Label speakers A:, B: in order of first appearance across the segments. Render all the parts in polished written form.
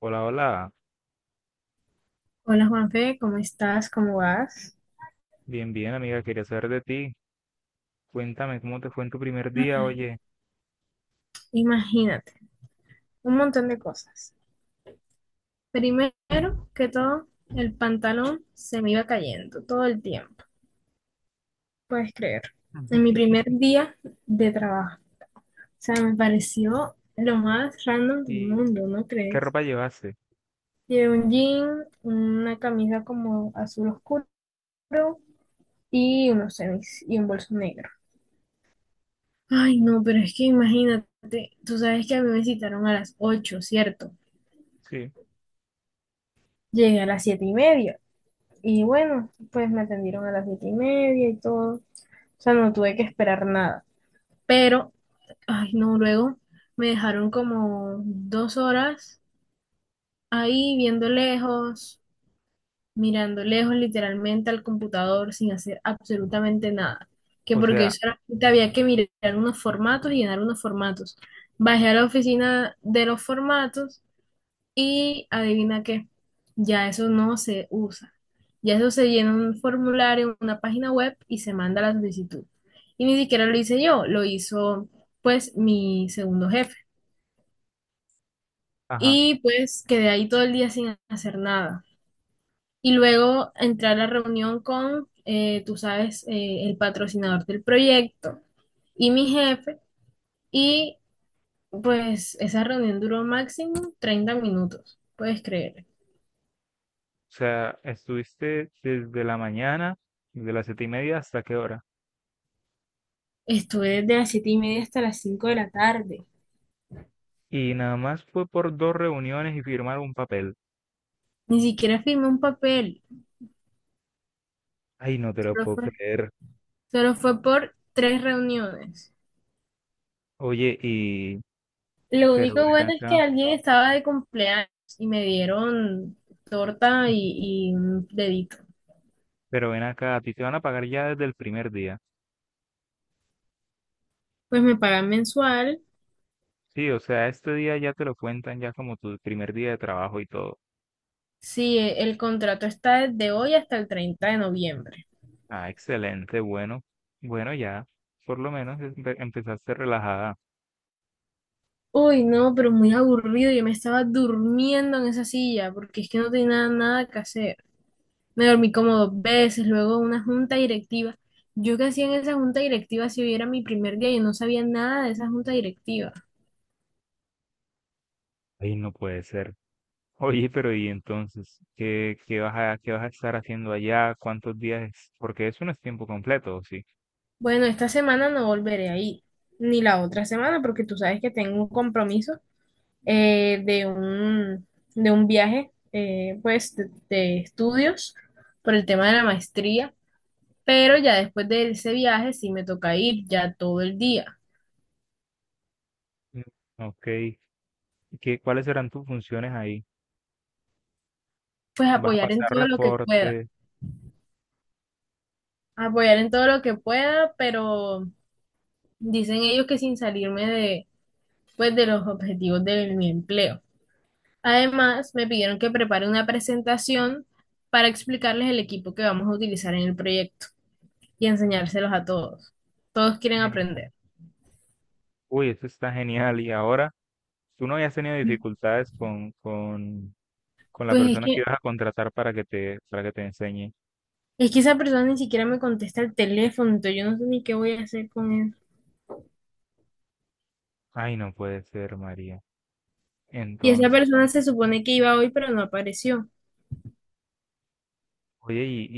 A: Hola, hola.
B: Hola Juanfe, ¿cómo estás? ¿Cómo vas?
A: Bien, bien, amiga. Quería saber de ti. Cuéntame cómo te fue en tu primer día, oye.
B: Imagínate, un montón de cosas. Primero que todo, el pantalón se me iba cayendo todo el tiempo, ¿puedes creer? En mi primer día de trabajo. O sea, me pareció lo más random del
A: ¿Y
B: mundo, ¿no
A: qué
B: crees?
A: ropa llevaste?
B: Llevé un jean, una camisa como azul oscuro y unos tenis y un bolso negro. Ay, no, pero es que imagínate, tú sabes que a mí me citaron a las 8, ¿cierto?
A: Sí.
B: Llegué a las 7:30. Y bueno, pues me atendieron a las 7:30 y todo. O sea, no tuve que esperar nada. Pero, ay, no, luego me dejaron como 2 horas ahí viendo lejos, mirando lejos literalmente al computador sin hacer absolutamente nada. Que
A: O
B: porque
A: sea,
B: solamente había que mirar unos formatos y llenar unos formatos. Bajé a la oficina de los formatos. Y adivina qué, ya eso no se usa. Ya eso se llena en un formulario, en una página web y se manda la solicitud. Y ni siquiera lo hice yo, lo hizo pues mi segundo jefe.
A: ajá. ¿O
B: Y pues quedé ahí todo el día sin hacer nada. Y luego entré a la reunión con, tú sabes, el patrocinador del proyecto y mi jefe. Y pues esa reunión duró máximo 30 minutos, ¿puedes creer?
A: sea, estuviste desde la mañana, desde las 7:30 hasta qué hora?
B: Estuve desde las 7:30 hasta las 5 de la tarde.
A: ¿Y nada más fue por dos reuniones y firmar un papel?
B: Ni siquiera firmé un papel.
A: Ay, no te lo
B: Solo
A: puedo
B: fue,
A: creer.
B: solo fue por tres reuniones.
A: Oye, y...
B: Lo
A: Pero
B: único
A: ven
B: bueno es que
A: acá.
B: alguien estaba de cumpleaños y me dieron torta y un dedito.
A: Pero ven acá, ¿a ti te van a pagar ya desde el primer día?
B: Pues me pagan mensual.
A: Sí, o sea, ¿este día ya te lo cuentan ya como tu primer día de trabajo y todo?
B: Sí, el contrato está desde hoy hasta el 30 de noviembre.
A: Ah, excelente, bueno, bueno ya, por lo menos empezaste relajada.
B: Uy, no, pero muy aburrido. Yo me estaba durmiendo en esa silla porque es que no tenía nada nada que hacer. Me dormí como dos veces, luego una junta directiva. Yo que hacía en esa junta directiva si hubiera mi primer día, yo no sabía nada de esa junta directiva.
A: Ay, no puede ser. Oye, pero ¿y entonces qué, qué vas a estar haciendo allá? ¿Cuántos días es? Porque eso no es tiempo completo, ¿o sí?
B: Bueno, esta semana no volveré ahí, ni la otra semana, porque tú sabes que tengo un compromiso, eh, de un, de un viaje, pues, de estudios por el tema de la maestría, pero ya después de ese viaje sí me toca ir ya todo el día,
A: Mm. Ok. ¿Y qué, cuáles serán tus funciones ahí?
B: pues
A: ¿Vas a
B: apoyar en
A: pasar
B: todo lo que pueda,
A: reportes?
B: apoyar en todo lo que pueda, pero. Dicen ellos que sin salirme de, pues, de los objetivos de mi empleo. Además, me pidieron que prepare una presentación para explicarles el equipo que vamos a utilizar en el proyecto y enseñárselos a todos. Todos quieren
A: Genial.
B: aprender.
A: Uy, eso está genial. Y ahora, ¿tú no habías tenido
B: Y,
A: dificultades con la
B: Pues es
A: persona que
B: que,
A: ibas a contratar para que te enseñe?
B: es que esa persona ni siquiera me contesta el teléfono, entonces yo no sé ni qué voy a hacer con él.
A: Ay, no puede ser, María.
B: Y esa
A: Entonces...
B: persona se supone que iba hoy, pero no apareció.
A: Oye, y,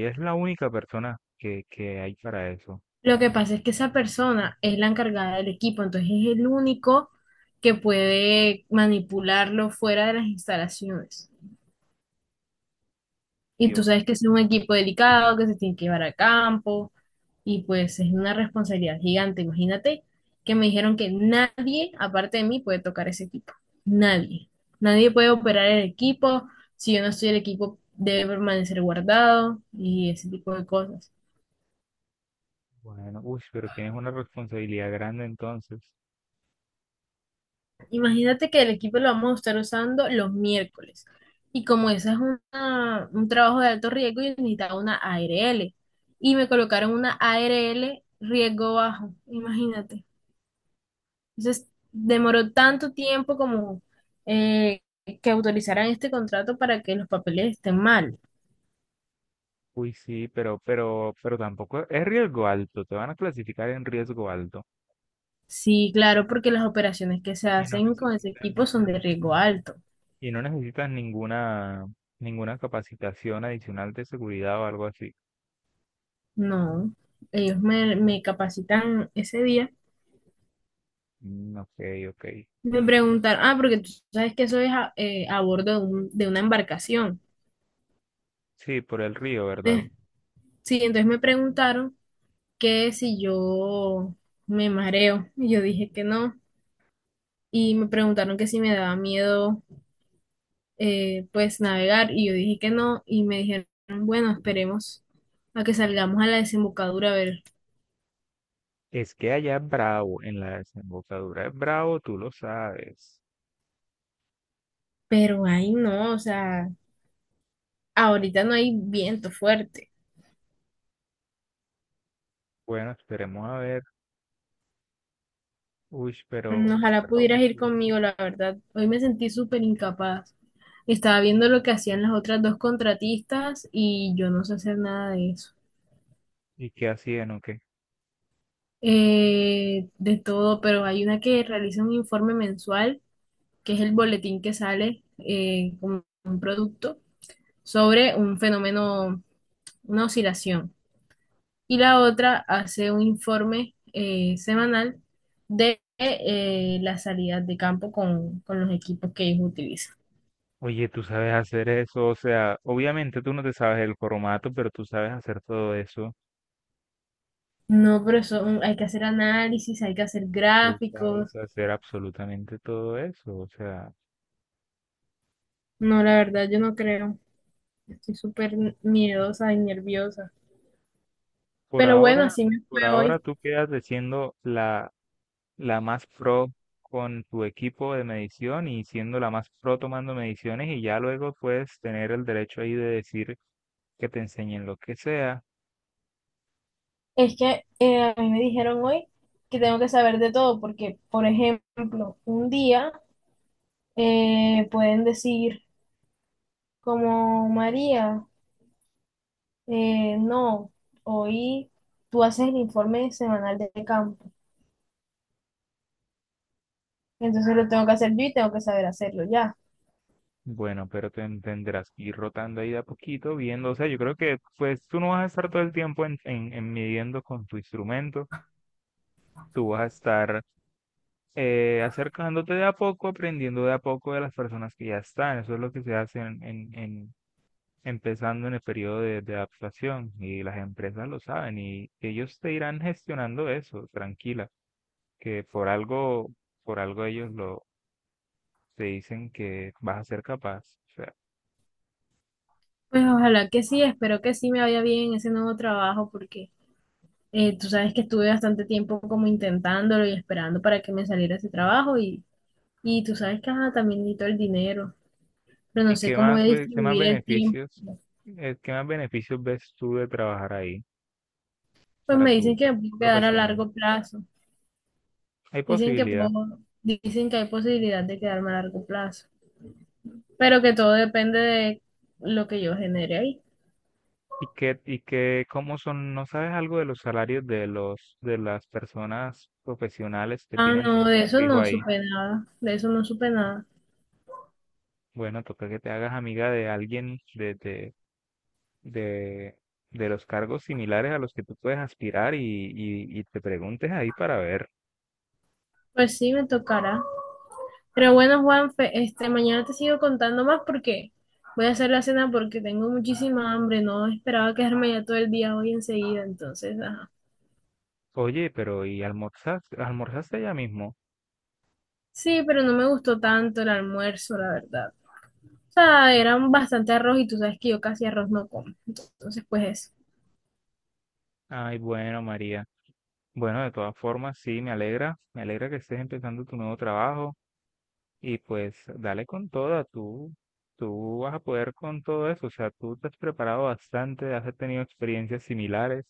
A: y es la única persona que hay para eso.
B: Lo que pasa es que esa persona es la encargada del equipo, entonces es el único que puede manipularlo fuera de las instalaciones.
A: Y
B: Y tú
A: Yo,
B: sabes que es un equipo delicado, que se tiene que llevar a campo, y pues es una responsabilidad gigante. Imagínate que me dijeron que nadie, aparte de mí, puede tocar ese equipo. Nadie. Nadie puede operar el equipo. Si yo no estoy, el equipo debe permanecer guardado y ese tipo de cosas.
A: bueno, uy, pero tienes una responsabilidad grande entonces.
B: Imagínate que el equipo lo vamos a estar usando los miércoles. Y como ese es un trabajo de alto riesgo, yo necesitaba una ARL. Y me colocaron una ARL riesgo bajo, imagínate. Entonces, demoró tanto tiempo como, eh, que autorizaran este contrato, para que los papeles estén mal.
A: Uy, sí, pero tampoco es riesgo alto, te van a clasificar en riesgo alto.
B: Sí, claro, porque las operaciones que se
A: Y no
B: hacen con ese
A: necesitas,
B: equipo son de riesgo alto.
A: y no necesitas ninguna capacitación adicional de seguridad o algo así.
B: No, ellos me capacitan ese día.
A: Mm, ok, ok.
B: Me preguntaron, ah, porque tú sabes que eso es a bordo de una embarcación.
A: Sí, por el río, ¿verdad?
B: Eh, sí, entonces me preguntaron que si yo me mareo. Y yo dije que no. Y me preguntaron que si me daba miedo, pues, navegar. Y yo dije que no. Y me dijeron, bueno, esperemos a que salgamos a la desembocadura a ver.
A: Es que allá es bravo, en la desembocadura es bravo, tú lo sabes.
B: Pero ahí no, o sea, ahorita no hay viento fuerte.
A: Bueno, esperemos a ver. Uy, pero,
B: Ojalá pudieras
A: ¿y
B: ir
A: tú?
B: conmigo, la verdad. Hoy me sentí súper incapaz. Estaba viendo lo que hacían las otras dos contratistas y yo no sé hacer nada de eso.
A: ¿Y qué hacían o qué?
B: De todo, pero hay una que realiza un informe mensual, que es el boletín que sale, con un producto sobre un fenómeno, una oscilación. Y la otra hace un informe, semanal, de las salidas de campo con los equipos que ellos utilizan.
A: Oye, tú sabes hacer eso, o sea, obviamente tú no te sabes el formato, pero tú sabes hacer todo eso,
B: No, pero eso, hay que hacer análisis, hay que hacer
A: tú sabes
B: gráficos.
A: hacer absolutamente todo eso, o sea,
B: No, la verdad, yo no creo. Estoy súper miedosa y nerviosa.
A: por
B: Pero bueno,
A: ahora,
B: así me fue
A: por ahora
B: hoy.
A: tú quedas de siendo la más pro con tu equipo de medición y siendo la más pro tomando mediciones y ya luego puedes tener el derecho ahí de decir que te enseñen lo que sea.
B: Es que, a mí me dijeron hoy que tengo que saber de todo, porque, por ejemplo, un día, pueden decir como: María, no, hoy tú haces el informe semanal de campo. Entonces lo tengo que hacer yo y tengo que saber hacerlo ya.
A: Bueno, pero te tendrás que ir rotando ahí de a poquito, viendo, o sea, yo creo que pues tú no vas a estar todo el tiempo en midiendo con tu instrumento, tú vas a estar acercándote de a poco, aprendiendo de a poco de las personas que ya están, eso es lo que se hace empezando en el periodo de adaptación y las empresas lo saben y ellos te irán gestionando eso, tranquila, que por algo te dicen que vas a ser capaz. O sea...
B: Pues ojalá que sí, espero que sí me vaya bien en ese nuevo trabajo, porque, tú sabes que estuve bastante tiempo como intentándolo y esperando para que me saliera ese trabajo, y tú sabes que ajá, también necesito el dinero, pero no
A: ¿Y
B: sé
A: qué
B: cómo voy a
A: más, qué más
B: distribuir el tiempo.
A: beneficios, qué más beneficios ves tú de trabajar ahí
B: Pues
A: para
B: me
A: tu
B: dicen que me
A: perfil
B: puedo quedar a
A: profesional?
B: largo plazo,
A: Hay posibilidad.
B: dicen que hay posibilidad de quedarme a largo plazo, pero que todo depende de lo que yo genere ahí.
A: ¿Y qué, cómo son, no sabes algo de los salarios de los, de las personas profesionales que
B: Ah,
A: tienen
B: no, de
A: trabajo
B: eso
A: fijo
B: no
A: ahí?
B: supe nada, de eso no supe nada.
A: Bueno, toca que te hagas amiga de alguien de, de los cargos similares a los que tú puedes aspirar y te preguntes ahí para ver.
B: Pues sí, me tocará. Pero bueno, Juanfe, mañana te sigo contando más porque voy a hacer la cena porque tengo muchísima hambre. No esperaba quedarme ya todo el día hoy enseguida, entonces, ajá.
A: Oye, pero ¿y almorzaste allá mismo?
B: Sí, pero no me gustó tanto el almuerzo, la verdad. O sea,
A: No.
B: era bastante arroz y tú sabes que yo casi arroz no como. Entonces, pues eso.
A: Ay, bueno, María. Bueno, de todas formas, sí, me alegra que estés empezando tu nuevo trabajo y pues dale con toda, tú vas a poder con todo eso, o sea, tú te has preparado bastante, has tenido experiencias similares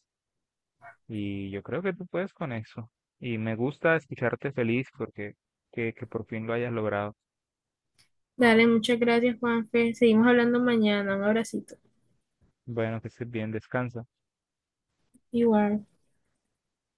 A: y yo creo que tú puedes con eso. Y me gusta escucharte feliz porque que por fin lo hayas logrado.
B: Dale, muchas gracias, Juanfe. Seguimos hablando mañana. Un abracito.
A: Bueno, que estés bien, descansa.
B: Igual.